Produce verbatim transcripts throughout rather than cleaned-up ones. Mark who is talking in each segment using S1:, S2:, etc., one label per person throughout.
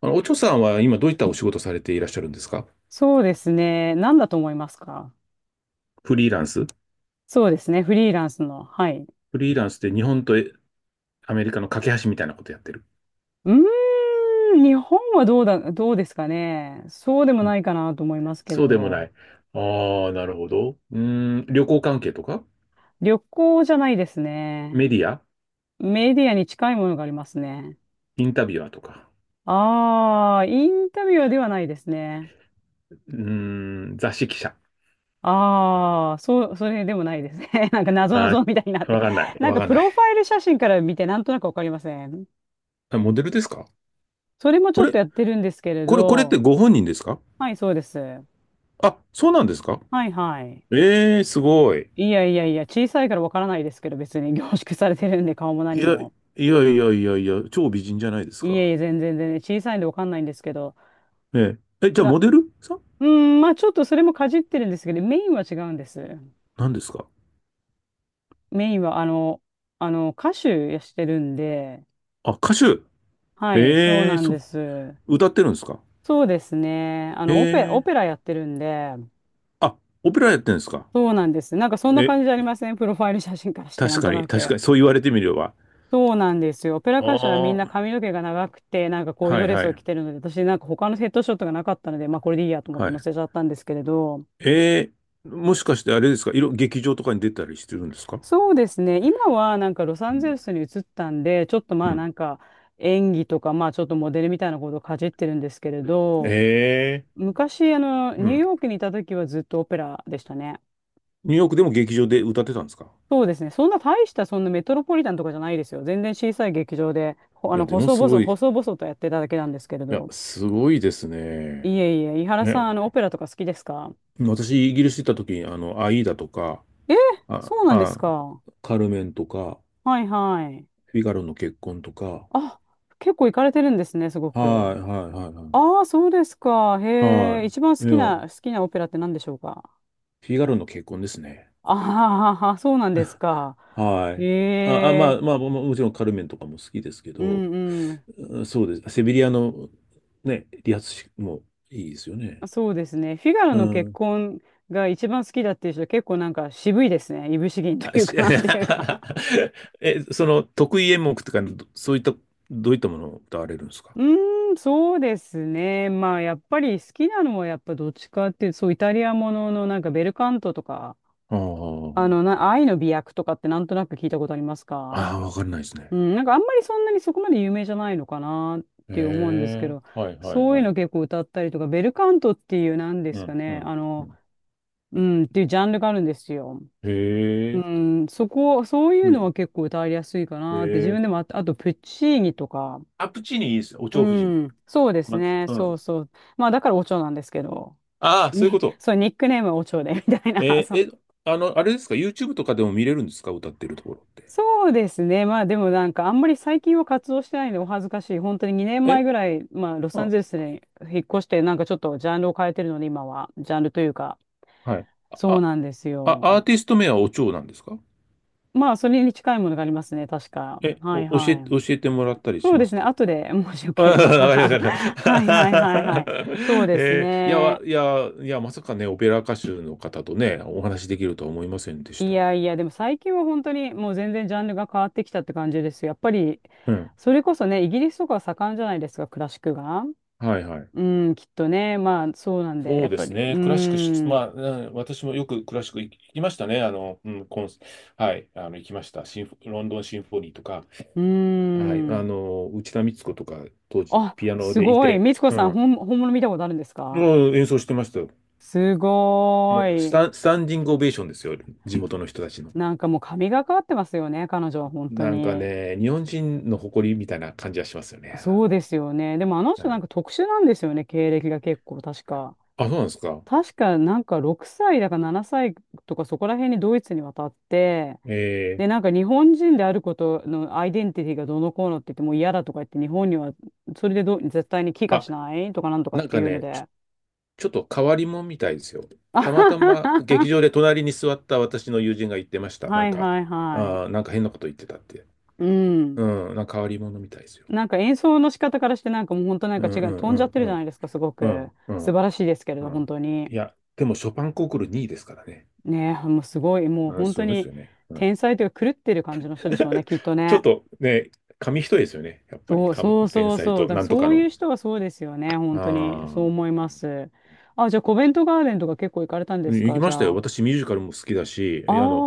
S1: あの、おちょさんは今どういったお仕事されていらっしゃるんですか？
S2: そうですね。何だと思いますか？
S1: フリーランス。
S2: そうですね。フリーランスの。はい。
S1: フリーランスって日本とえアメリカの架け橋みたいなことやってる。
S2: うーん、日本はどうだ、どうですかね。そうでも
S1: う
S2: な
S1: ん。
S2: いかなと思いますけ
S1: そ
S2: れ
S1: うでもな
S2: ど。
S1: い。ああ、なるほど。うーん、旅行関係とか？
S2: 旅行じゃないですね。
S1: メディア？
S2: メディアに近いものがありますね。
S1: インタビュアーとか？
S2: ああ、インタビュアーではないですね。
S1: うーん、雑誌記者？
S2: ああ、そう、それでもないですね。なんか謎
S1: あ
S2: 々みたいになっ
S1: ー、
S2: て。
S1: わかんない。
S2: なん
S1: わ
S2: か
S1: かん
S2: プ
S1: ない。
S2: ロファイル写真から見てなんとなくわかりません？
S1: あ、モデルですか？
S2: それもち
S1: こ
S2: ょっ
S1: れ、
S2: とやってるんですけれ
S1: これ、これって
S2: ど。
S1: ご本人ですか？
S2: はい、そうです。は
S1: あ、そうなんですか。
S2: い、はい。
S1: ええー、すごい。
S2: いやいやいや、小さいからわからないですけど、別に 凝縮されてるんで、顔も
S1: い
S2: 何
S1: や、
S2: も。
S1: いやいやいやいや、超美人じゃないです
S2: い
S1: か。
S2: えいえ、全然全然、小さいんでわかんないんですけど、
S1: ええ。え、じゃあ
S2: な、
S1: モデルさん
S2: うん、まあちょっとそれもかじってるんですけど、メインは違うんです。
S1: なんですか？
S2: メインは、あの、あの、歌手してるんで、
S1: あ、歌手。
S2: はい、そう
S1: ええ、
S2: なん
S1: そ
S2: で
S1: う、
S2: す。
S1: 歌ってるんですか。
S2: そうですね。あの、オペ、オ
S1: ええ、
S2: ペラやってるんで、
S1: あ、オペラやってるんですか。
S2: そうなんです。なんかそんな
S1: え、
S2: 感じじゃありません？プロファイル写真からして、な
S1: 確
S2: んと
S1: かに、
S2: な
S1: 確
S2: く。
S1: かに、そう言われてみれば。
S2: そうなんですよ。オペラ歌手はみん
S1: あ
S2: な
S1: あ、
S2: 髪の毛が長くて、なんかこういう
S1: は
S2: ド
S1: い
S2: レ
S1: は
S2: スを
S1: い、
S2: 着てるので、私なんか他のヘッドショットがなかったので、まあこれでいいやと思っ
S1: は
S2: て
S1: い。
S2: 載せちゃったんですけれど、
S1: ええ、もしかしてあれですか、いろ、劇場とかに出たりしてるんですか。
S2: そうですね。今はなんかロサ
S1: う
S2: ンゼ
S1: ん。
S2: ルスに移ったんで、ちょっとま
S1: う
S2: あな
S1: ん。
S2: んか演技とか、まあちょっとモデルみたいなことをかじってるんですけれど、
S1: ええ、
S2: 昔あの
S1: う
S2: ニュー
S1: ん。
S2: ヨークにいた時はずっとオペラでしたね。
S1: ニューヨークでも劇場で歌ってたんですか。
S2: そうですね。そんな大したそんなメトロポリタンとかじゃないですよ。全然小さい劇場で、ほあ
S1: い
S2: の
S1: や、でも
S2: 細
S1: す
S2: 々、
S1: ごい、い
S2: 細々とやってただけなんですけれ
S1: や、
S2: ど。
S1: すごいです
S2: い
S1: ね。
S2: えいえ、井原さ
S1: ね、
S2: ん、あの、オペラとか好きですか？
S1: 私、イギリス行った時に、あの、アイーダとか、
S2: えー、
S1: あ、
S2: そうなんです
S1: あ、
S2: か。は
S1: カルメンとか、
S2: いはい。
S1: フィガロの結婚とか。
S2: あ、結構行かれてるんですね、すごく。
S1: はい、はい、はい、
S2: ああ、そうですか。
S1: は
S2: へ
S1: い。
S2: え、
S1: は
S2: 一番好
S1: い。い
S2: き
S1: や、
S2: な、好きなオペラって何でしょうか？
S1: フィガロの結婚ですね。
S2: ああー、そうなんですか。
S1: は
S2: へ
S1: い。あ、あ、ま
S2: え、
S1: あ、まあ、ももちろんカルメンとかも好きですけ
S2: う
S1: ど、
S2: んうん。
S1: うん、そうです。セビリアの、ね、理髪師もいいですよね。
S2: そうですね。フィガロ
S1: う
S2: の結
S1: ん。
S2: 婚が一番好きだっていう人、結構なんか渋いですね。いぶし銀と
S1: あ、
S2: いう
S1: し、
S2: かなんていうか。
S1: え、その、得意演目とか、どそういった、どういったものを歌われるんですか？
S2: うーん、そうですね。まあ、やっぱり好きなのは、やっぱどっちかっていうと、そう、イタリアもののなんかベルカントとか、
S1: あ
S2: あ
S1: あ、
S2: の、な、愛の美薬とかってなんとなく聞いたことありますか？
S1: ああ、わかんないですね。
S2: うん、なんかあんまりそんなにそこまで有名じゃないのかなっ
S1: へ
S2: て思うんですけ
S1: え、
S2: ど、
S1: はいはい
S2: そうい
S1: は
S2: う
S1: い。
S2: の結構歌ったりとか、ベルカントっていうなんで
S1: う
S2: すか
S1: ん、う
S2: ね、
S1: ん。
S2: あ
S1: う
S2: の、
S1: ん。
S2: うん、っていうジャンルがあるんですよ。
S1: へ
S2: う
S1: え、
S2: ん、そこ、そうい
S1: う
S2: うの
S1: ん。
S2: は結構歌いやすいか
S1: へ
S2: なって、自分
S1: え。
S2: でもあ、あとプッチーニとか、
S1: アプチーニいいですよ。お
S2: う
S1: 蝶夫人。
S2: ん、そうです
S1: ま、
S2: ね。
S1: う
S2: そう
S1: ん。
S2: そう。まあだからお蝶なんですけど、
S1: ああ、そういう
S2: に、
S1: こ と。
S2: そう、ニックネームはお蝶で、みたいな。
S1: え
S2: そ
S1: ー
S2: う、
S1: え、あの、あれですか ?YouTube とかでも見れるんですか、歌ってるところって。
S2: そうですね。まあでもなんかあんまり最近は活動してないんでお恥ずかしい。本当ににねんまえ
S1: え、
S2: ぐらい、まあロサン
S1: あ、
S2: ゼルスに引っ越して、なんかちょっとジャンルを変えてるので、今は。ジャンルというか、
S1: はい。
S2: そう
S1: あ、
S2: なんです
S1: あ、
S2: よ。
S1: アーティスト名はお蝶なんですか？
S2: まあそれに近いものがありますね、確か。
S1: え、
S2: はい
S1: お、教
S2: は
S1: え、教
S2: い。
S1: えてもらったり
S2: そ
S1: し
S2: う
S1: ま
S2: です
S1: す
S2: ね。
S1: か？
S2: 後で、もしよ
S1: ああ、
S2: ければ。
S1: わかりまし
S2: はい
S1: た。
S2: はいはいはい。そう です
S1: えーいや、わ
S2: ね。
S1: いや、いや、まさかね、オペラ歌手の方とね、お話しできるとは思いませんでし
S2: い
S1: た。
S2: やいや、でも最近は本当にもう全然ジャンルが変わってきたって感じですよ。やっぱり、
S1: うん。
S2: それこそね、イギリスとかは盛んじゃないですか、クラシックが。
S1: はいはい。
S2: うん、きっとね。まあ、そうなんで、
S1: そ
S2: や
S1: う
S2: っ
S1: で
S2: ぱ
S1: す
S2: り。う
S1: ね。クラシックし、
S2: ー
S1: ま
S2: ん、
S1: あ、うん、私もよくクラシック行きましたね。あの、うん、コンス、はい、あの、行きました。シンフ、ロンドンシンフォニーとか、
S2: うー
S1: はい、あ
S2: ん。
S1: の、内田光子とか、当時、
S2: あ、
S1: ピアノ
S2: す
S1: でい
S2: ごい。
S1: て、
S2: みつこ
S1: う
S2: さん、
S1: ん、
S2: 本、本物見たことあるんですか？
S1: もう演奏してましたよ。
S2: すご
S1: もうス
S2: ー
S1: タ
S2: い。
S1: ン、スタンディングオベーションですよ。地元の人たちの。
S2: なんかもう神がかってますよね、彼女は本当
S1: なんか
S2: に。
S1: ね、日本人の誇りみたいな感じはしますよね。
S2: そうですよね。でもあの
S1: う
S2: 人なん
S1: ん、
S2: か特殊なんですよね、経歴が結構、確か。
S1: あ、そうなんですか。
S2: 確かなんかろくさいだかななさいとかそこら辺にドイツに渡って、
S1: え
S2: で、なんか日本人であることのアイデンティティがどうのこうのって言ってもう嫌だとか言って日本にはそれでどう絶対に帰
S1: ー、
S2: 化
S1: あ、
S2: しないとかなんとかっ
S1: なん
S2: て
S1: か
S2: いうの
S1: ね、
S2: で。
S1: ちょっと変わり者みたいですよ。
S2: あ
S1: たま
S2: は
S1: た
S2: は
S1: ま劇
S2: は
S1: 場で隣に座った私の友人が言ってました。な
S2: は
S1: ん
S2: い
S1: か、
S2: はいはい。
S1: あーなんか変なこと言ってたって。
S2: うん。
S1: うん、なんか変わり者みたいですよ。
S2: なんか演奏の仕方からしてなんかもう本当なん
S1: う
S2: か
S1: ん
S2: 違
S1: う
S2: う、
S1: ん
S2: 飛
S1: う
S2: んじゃっ
S1: ん
S2: てる
S1: う
S2: じゃない
S1: ん。
S2: ですか、すご
S1: う
S2: く。
S1: んうん
S2: 素晴らしいですけれ
S1: う
S2: ど、本
S1: ん。
S2: 当に。
S1: いや、でもショパンコンクールにいですからね。
S2: ねえ、もうすごい、もう
S1: うん、
S2: 本
S1: す
S2: 当
S1: ごいです
S2: に
S1: よね。うん、
S2: 天才というか狂ってる感じの人でしょうね、きっと
S1: ちょっ
S2: ね。
S1: とね、紙一重ですよね。やっぱり、
S2: そう、
S1: か
S2: そう
S1: 天
S2: そう
S1: 才
S2: そう。
S1: と
S2: だから
S1: なんと
S2: そ
S1: か
S2: うい
S1: の。
S2: う人はそうですよ
S1: あ
S2: ね。本当に。
S1: あ。
S2: そう
S1: うん、
S2: 思います。あ、じゃあ、コベントガーデンとか結構行かれたんです
S1: 行
S2: か？
S1: き
S2: じ
S1: ました
S2: ゃ
S1: よ。
S2: あ。
S1: 私、ミュージカルも好きだし、
S2: あ
S1: あの、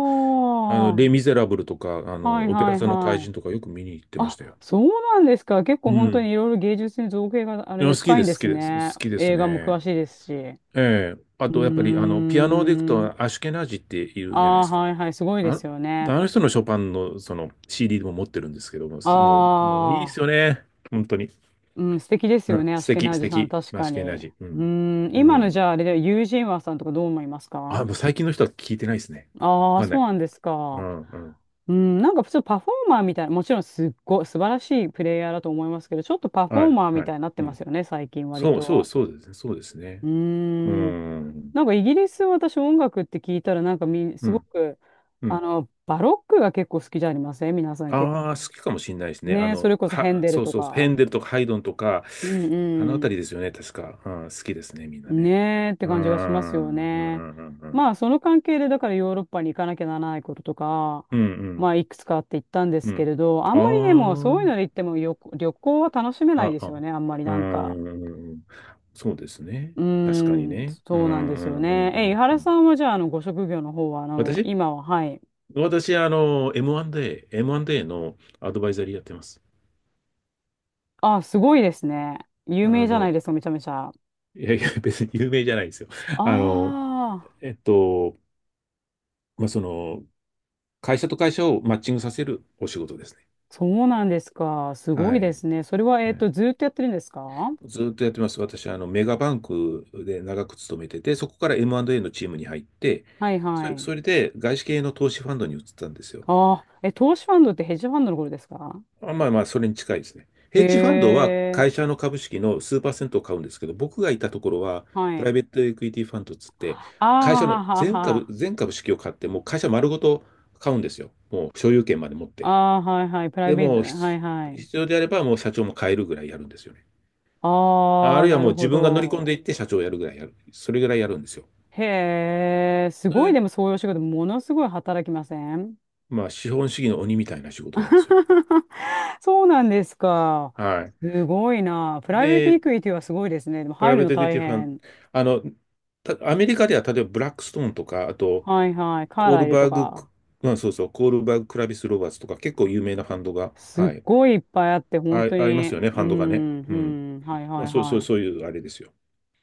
S1: あの、レ・
S2: は
S1: ミゼラブルとか、あ
S2: い
S1: の、オペ
S2: は
S1: ラ
S2: い
S1: 座の怪
S2: は
S1: 人
S2: い。
S1: とかよく見に行ってましたよ。
S2: あ、そうなんですか。結
S1: う
S2: 構本当
S1: ん。
S2: にいろいろ芸術に造形があれ
S1: いや、
S2: で
S1: 好き
S2: 深い
S1: で
S2: んで
S1: す、好
S2: す
S1: きです、
S2: ね。
S1: 好きです
S2: 映画も
S1: ね。
S2: 詳しいですし。う
S1: ええ。あ
S2: ー
S1: と、やっぱり、あの、ピアノでいく
S2: ん。
S1: と、アシュケナージっていう
S2: あ
S1: じゃないで
S2: あ、
S1: すか。
S2: はいはい。すごいで
S1: あ
S2: す
S1: の、
S2: よね。
S1: あの人のショパンの、その、シーディー も持ってるんですけども、
S2: あ
S1: すもう、もういいです
S2: あ、
S1: よね。本当に。
S2: うん、素敵です
S1: う
S2: よ
S1: ん。
S2: ね。ア
S1: 素
S2: シュケ
S1: 敵、
S2: ナー
S1: 素
S2: ジさん、
S1: 敵。
S2: 確
S1: ア
S2: か
S1: シュケナー
S2: に。
S1: ジ。う
S2: う
S1: ん。
S2: ーん、
S1: う
S2: 今のじ
S1: ん。
S2: ゃあ、あれでユージンワさんとかどう思いますか？
S1: あ、もう最近の人は聞いてないですね。わ
S2: ああ、
S1: かんな
S2: そう
S1: い。
S2: なんです
S1: う
S2: か。
S1: ん、うん。
S2: うん、なんか普通パフォーマーみたいな、もちろんすっごい素晴らしいプレイヤーだと思いますけど、ちょっとパフ
S1: は
S2: ォー
S1: い、
S2: マーみ
S1: は
S2: た
S1: い。
S2: いになって
S1: う
S2: ます
S1: ん。
S2: よね、最近割
S1: そう、そう、
S2: と。
S1: そうですね。そうです
S2: う
S1: ね。
S2: ー
S1: う
S2: ん。
S1: ん。
S2: なんかイギリス、私音楽って聞いたら、なんかみ、
S1: う
S2: すご
S1: ん。
S2: く、
S1: う
S2: あ
S1: ん。
S2: の、バロックが結構好きじゃありません？皆さん結
S1: ああ、好きかもしれないです
S2: 構。
S1: ね。あ
S2: ね、そ
S1: の、
S2: れこそヘン
S1: は、
S2: デル
S1: そう
S2: と
S1: そうそう、ヘ
S2: か。
S1: ンデルとかハイドンとか、
S2: うん
S1: あのあ
S2: う
S1: た
S2: ん。
S1: りですよね、確か。うん、好きですね、みんなね。
S2: ねえって
S1: うー
S2: 感じがしますよ
S1: ん、うん、う
S2: ね。
S1: ん、うん、う
S2: ま
S1: ん。
S2: あその関係でだからヨーロッパに行かなきゃならないこととか、
S1: うん、う
S2: ま
S1: ん。
S2: あいくつかあって言ったんで
S1: う
S2: すけ
S1: ん。
S2: れど、あんまりね、もう
S1: あ
S2: そういうので行っても旅、旅行は楽しめない
S1: あ、
S2: で
S1: あ、
S2: す
S1: あ
S2: よ
S1: う
S2: ね、あんまりなんか。
S1: ーん、そうですね。
S2: うー
S1: 確かに
S2: ん、
S1: ね。うん、う
S2: そうなんですよ
S1: ん、う
S2: ね。
S1: ん、う
S2: え、井
S1: ん。う
S2: 原さ
S1: ん。
S2: んはじゃあ、あの、ご職業の方は、あの、
S1: 私
S2: 今は、はい。
S1: 私、あの、エムアンドエー、エムアンドエー のアドバイザリーやってます。
S2: あ、すごいですね。有
S1: あ
S2: 名じゃない
S1: の、
S2: ですか、めちゃめちゃ。
S1: いやいや、別に有名じゃないですよ。
S2: あ
S1: あの、
S2: あ、
S1: えっと、まあ、その、会社と会社をマッチングさせるお仕事ですね。
S2: そうなんですか。すご
S1: は
S2: いで
S1: い。
S2: すね。それは、
S1: う
S2: えっと、
S1: ん、
S2: ずーっとやってるんですか？は
S1: ずっとやってます。私はあのメガバンクで長く勤めてて、そこから エムアンドエー のチームに入って、
S2: い
S1: そ
S2: は
S1: れ、
S2: い。
S1: それで外資系の投資ファンドに移ったんですよ。
S2: ああ、え、投資ファンドってヘッジファンドのことですか？
S1: あまあまあ、それに近いですね。ヘッジファン
S2: へ
S1: ドは会
S2: え、
S1: 社の株式の数パーセントを買うんですけど、僕がいたところは、
S2: は
S1: プライ
S2: い。
S1: ベートエクイティファンドっつって、
S2: あ
S1: 会社の
S2: あ、はは
S1: 全株、
S2: は。
S1: 全株式を買って、もう会社丸ごと買うんですよ。もう所有権まで持って。
S2: ああ、はいはい。プライ
S1: で、
S2: ベート、
S1: もうひ
S2: はいはい。
S1: 必要であればもう社長も変えるぐらいやるんですよね。あ
S2: ああ、
S1: るいは
S2: な
S1: もう
S2: るほ
S1: 自分が乗り込ん
S2: ど。
S1: でいって社長をやるぐらいやる。それぐらいやるんですよ。
S2: へえ、す
S1: そ
S2: ごい、
S1: れ
S2: でもそういうお仕事、ものすごい働きません？
S1: まあ、資本主義の鬼みたいな仕事なんですよね。
S2: そうなんですか。
S1: はい。
S2: すごいな。プライベート
S1: で、
S2: イクイティはすごいですね。でも
S1: プライ
S2: 入る
S1: ベー
S2: の
S1: トエクイ
S2: 大
S1: ティファン、
S2: 変。
S1: あの、たアメリカでは例えばブラックストーンとか、あと、
S2: はいはい。カー
S1: コー
S2: ラ
S1: ル
S2: イルと
S1: バーグ、
S2: か。
S1: まあ、そうそう、コールバーグ・クラビス・ロバーツとか、結構有名なファンドが、
S2: す
S1: は
S2: っ
S1: い、
S2: ごいいっぱいあって、本
S1: あ、
S2: 当
S1: ありま
S2: に。
S1: すよね、フ
S2: う
S1: ァンドがね。
S2: ん、
S1: うん。
S2: うん。はい
S1: ま
S2: は
S1: あ、
S2: い
S1: そう、そ
S2: は
S1: う、そう
S2: い。
S1: いうあれですよ。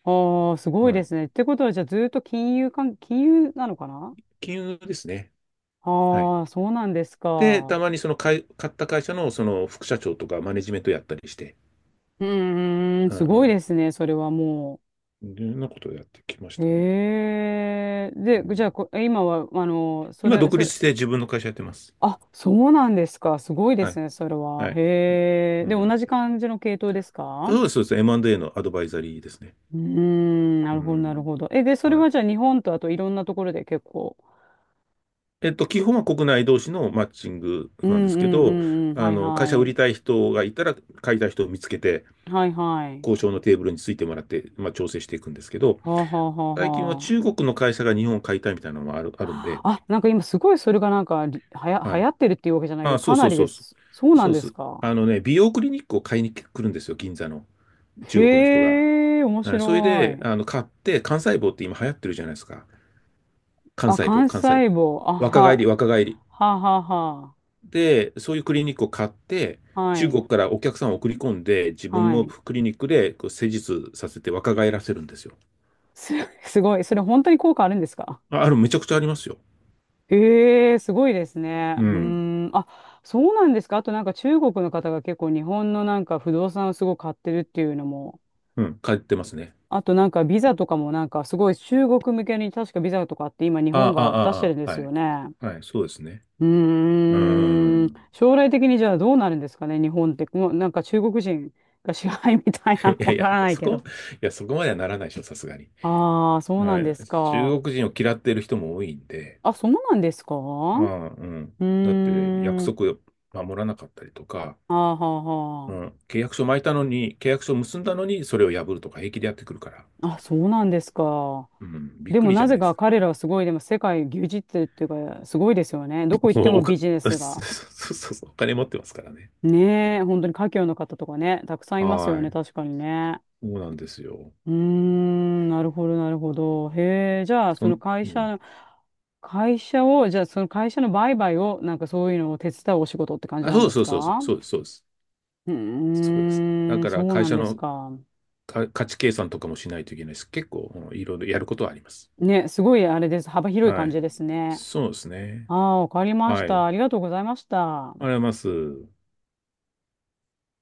S2: ああ、すごい
S1: は
S2: で
S1: い。
S2: すね。ってことは、じゃあずーっと金融関、金融なのかな？
S1: 金融ですね。
S2: あ
S1: はい。
S2: あー、そうなんです
S1: で、た
S2: か。
S1: まにその買い、買った会社のその副社長とかマネジメントやったりして、
S2: うーん、
S1: う
S2: すごい
S1: ん
S2: ですね、それはも
S1: うん。いろんなことをやってきまし
S2: う。
S1: たね。
S2: へえ。
S1: う
S2: で、じゃあ
S1: ん、
S2: こ、え今は、あの、そ
S1: 今、
S2: れ、
S1: 独
S2: それ、
S1: 立して自分の会社やってます。
S2: あ、そうなんですか。すごいで
S1: は
S2: す
S1: い。
S2: ね、それは。
S1: はい。
S2: へえ。
S1: う
S2: で、同
S1: ん。
S2: じ感じの系統ですか？
S1: そうです、そうです。エムアンドエー のアドバイザリーですね。
S2: うーん、な
S1: う
S2: るほど、なる
S1: ん。
S2: ほど。え、で、それ
S1: はい。
S2: はじゃあ日本とあといろんなところで結構。
S1: えっと、基本は国内同士のマッチング
S2: うん、
S1: なんで
S2: う
S1: すけ
S2: ん、う
S1: ど、
S2: ん、うん、
S1: あ
S2: はい
S1: の、会
S2: は
S1: 社売り
S2: い。
S1: たい人がいたら、買いたい人を見つけて、
S2: はいはい。
S1: 交渉のテーブルについてもらって、まあ、調整していくんですけど、
S2: はあはあ
S1: 最近は
S2: はあ。
S1: 中国の会社が日本を買いたいみたいなのもある、あるんで、
S2: あ、なんか今すごいそれがなんかりはや、
S1: は
S2: 流
S1: い。
S2: 行ってるっていうわけじゃないけど、
S1: あ、そ
S2: か
S1: う
S2: な
S1: そう
S2: り
S1: そ
S2: で
S1: うそ
S2: す。そう
S1: う。
S2: な
S1: そ
S2: ん
S1: う
S2: で
S1: そ
S2: す
S1: う。
S2: か。
S1: あのね、美容クリニックを買いに来るんですよ、銀座の。中国の人が。
S2: へえ、面
S1: はい、それ
S2: 白
S1: で、
S2: い。
S1: あの、買って、幹細胞って今流行ってるじゃないですか。
S2: あ、
S1: 幹細胞、
S2: 幹
S1: 幹細胞。
S2: 細胞。あ
S1: 若返り、
S2: は、
S1: 若返り。
S2: ははは。
S1: で、そういうクリニックを買って、
S2: は
S1: 中
S2: い、
S1: 国からお客さんを送り込んで、自分
S2: は
S1: の
S2: い。
S1: クリニックでこう施術させて若返らせるんですよ。
S2: す、すごい。それ本当に効果あるんですか？
S1: あ、ある、めちゃくちゃありますよ。
S2: ええ、すごいですね。
S1: う
S2: う
S1: ん。
S2: ーん。あ、そうなんですか。あとなんか中国の方が結構日本のなんか不動産をすごい買ってるっていうのも。
S1: うん、買ってますね。
S2: あとなんかビザとかもなんかすごい中国向けに確かビザとかって今日
S1: あ
S2: 本
S1: あ、あ
S2: が出し
S1: あ、
S2: てるん
S1: あ
S2: で
S1: あ、
S2: す
S1: は
S2: よ
S1: い。
S2: ね。
S1: はい、そうですね。
S2: う
S1: うー
S2: ーん。
S1: ん。
S2: 将来的にじゃあどうなるんですかね、日本って。もうなんか中国人が支配みたい な、
S1: いや
S2: わ
S1: い
S2: か
S1: や、
S2: らない
S1: そ
S2: け
S1: こ、
S2: ど。
S1: いや、そこまではならないでしょ、さすがに。
S2: ああ、そう
S1: う
S2: なんで
S1: ん、
S2: すか。
S1: 中国人を嫌っている人も多いんで、
S2: あ、そうなんですか？
S1: うんうん、
S2: う
S1: だって約
S2: ーん。
S1: 束を守らなかったりとか、
S2: あーはあ
S1: う
S2: は
S1: ん、契約書巻いたのに、契約書結んだのに、それを破るとか平気でやってくるから、
S2: あ。あ、そうなんですか。
S1: うん、びっ
S2: で
S1: く
S2: も
S1: りじ
S2: な
S1: ゃな
S2: ぜ
S1: いです
S2: か
S1: か。
S2: 彼らはすごい、でも世界牛耳ってるっていうか、すごいですよね。どこ 行って
S1: もうお
S2: も
S1: か、
S2: ビ ジネ
S1: そう
S2: ス
S1: そ
S2: が。
S1: うそうそう、お金持ってますからね。
S2: ねえ、本当に華僑の方とかね、たくさんいますよ
S1: は
S2: ね、
S1: い。
S2: 確かにね。
S1: そうなんですよ。
S2: うーん、なるほど、なるほど。へえ、じゃあ、そ
S1: そ
S2: の
S1: ん、
S2: 会
S1: う
S2: 社
S1: ん。
S2: の、会社を、じゃあ、その会社の売買を、なんかそういうのを手伝うお仕事って感じ
S1: あ、
S2: なん
S1: そう
S2: です
S1: そうそうそう、
S2: か？
S1: そうです、そうです。
S2: う
S1: そうです。だ
S2: ーん、
S1: から
S2: そう
S1: 会
S2: なん
S1: 社
S2: です
S1: の
S2: か。
S1: か価値計算とかもしないといけないです、結構。うん、いろいろやることはあります。
S2: ね、すごいあれです。幅広い
S1: は
S2: 感じ
S1: い。
S2: ですね。
S1: そうです
S2: あ
S1: ね。
S2: あ、わかりまし
S1: はい。あ
S2: た。
S1: り
S2: ありがとうございました。
S1: がとうございます。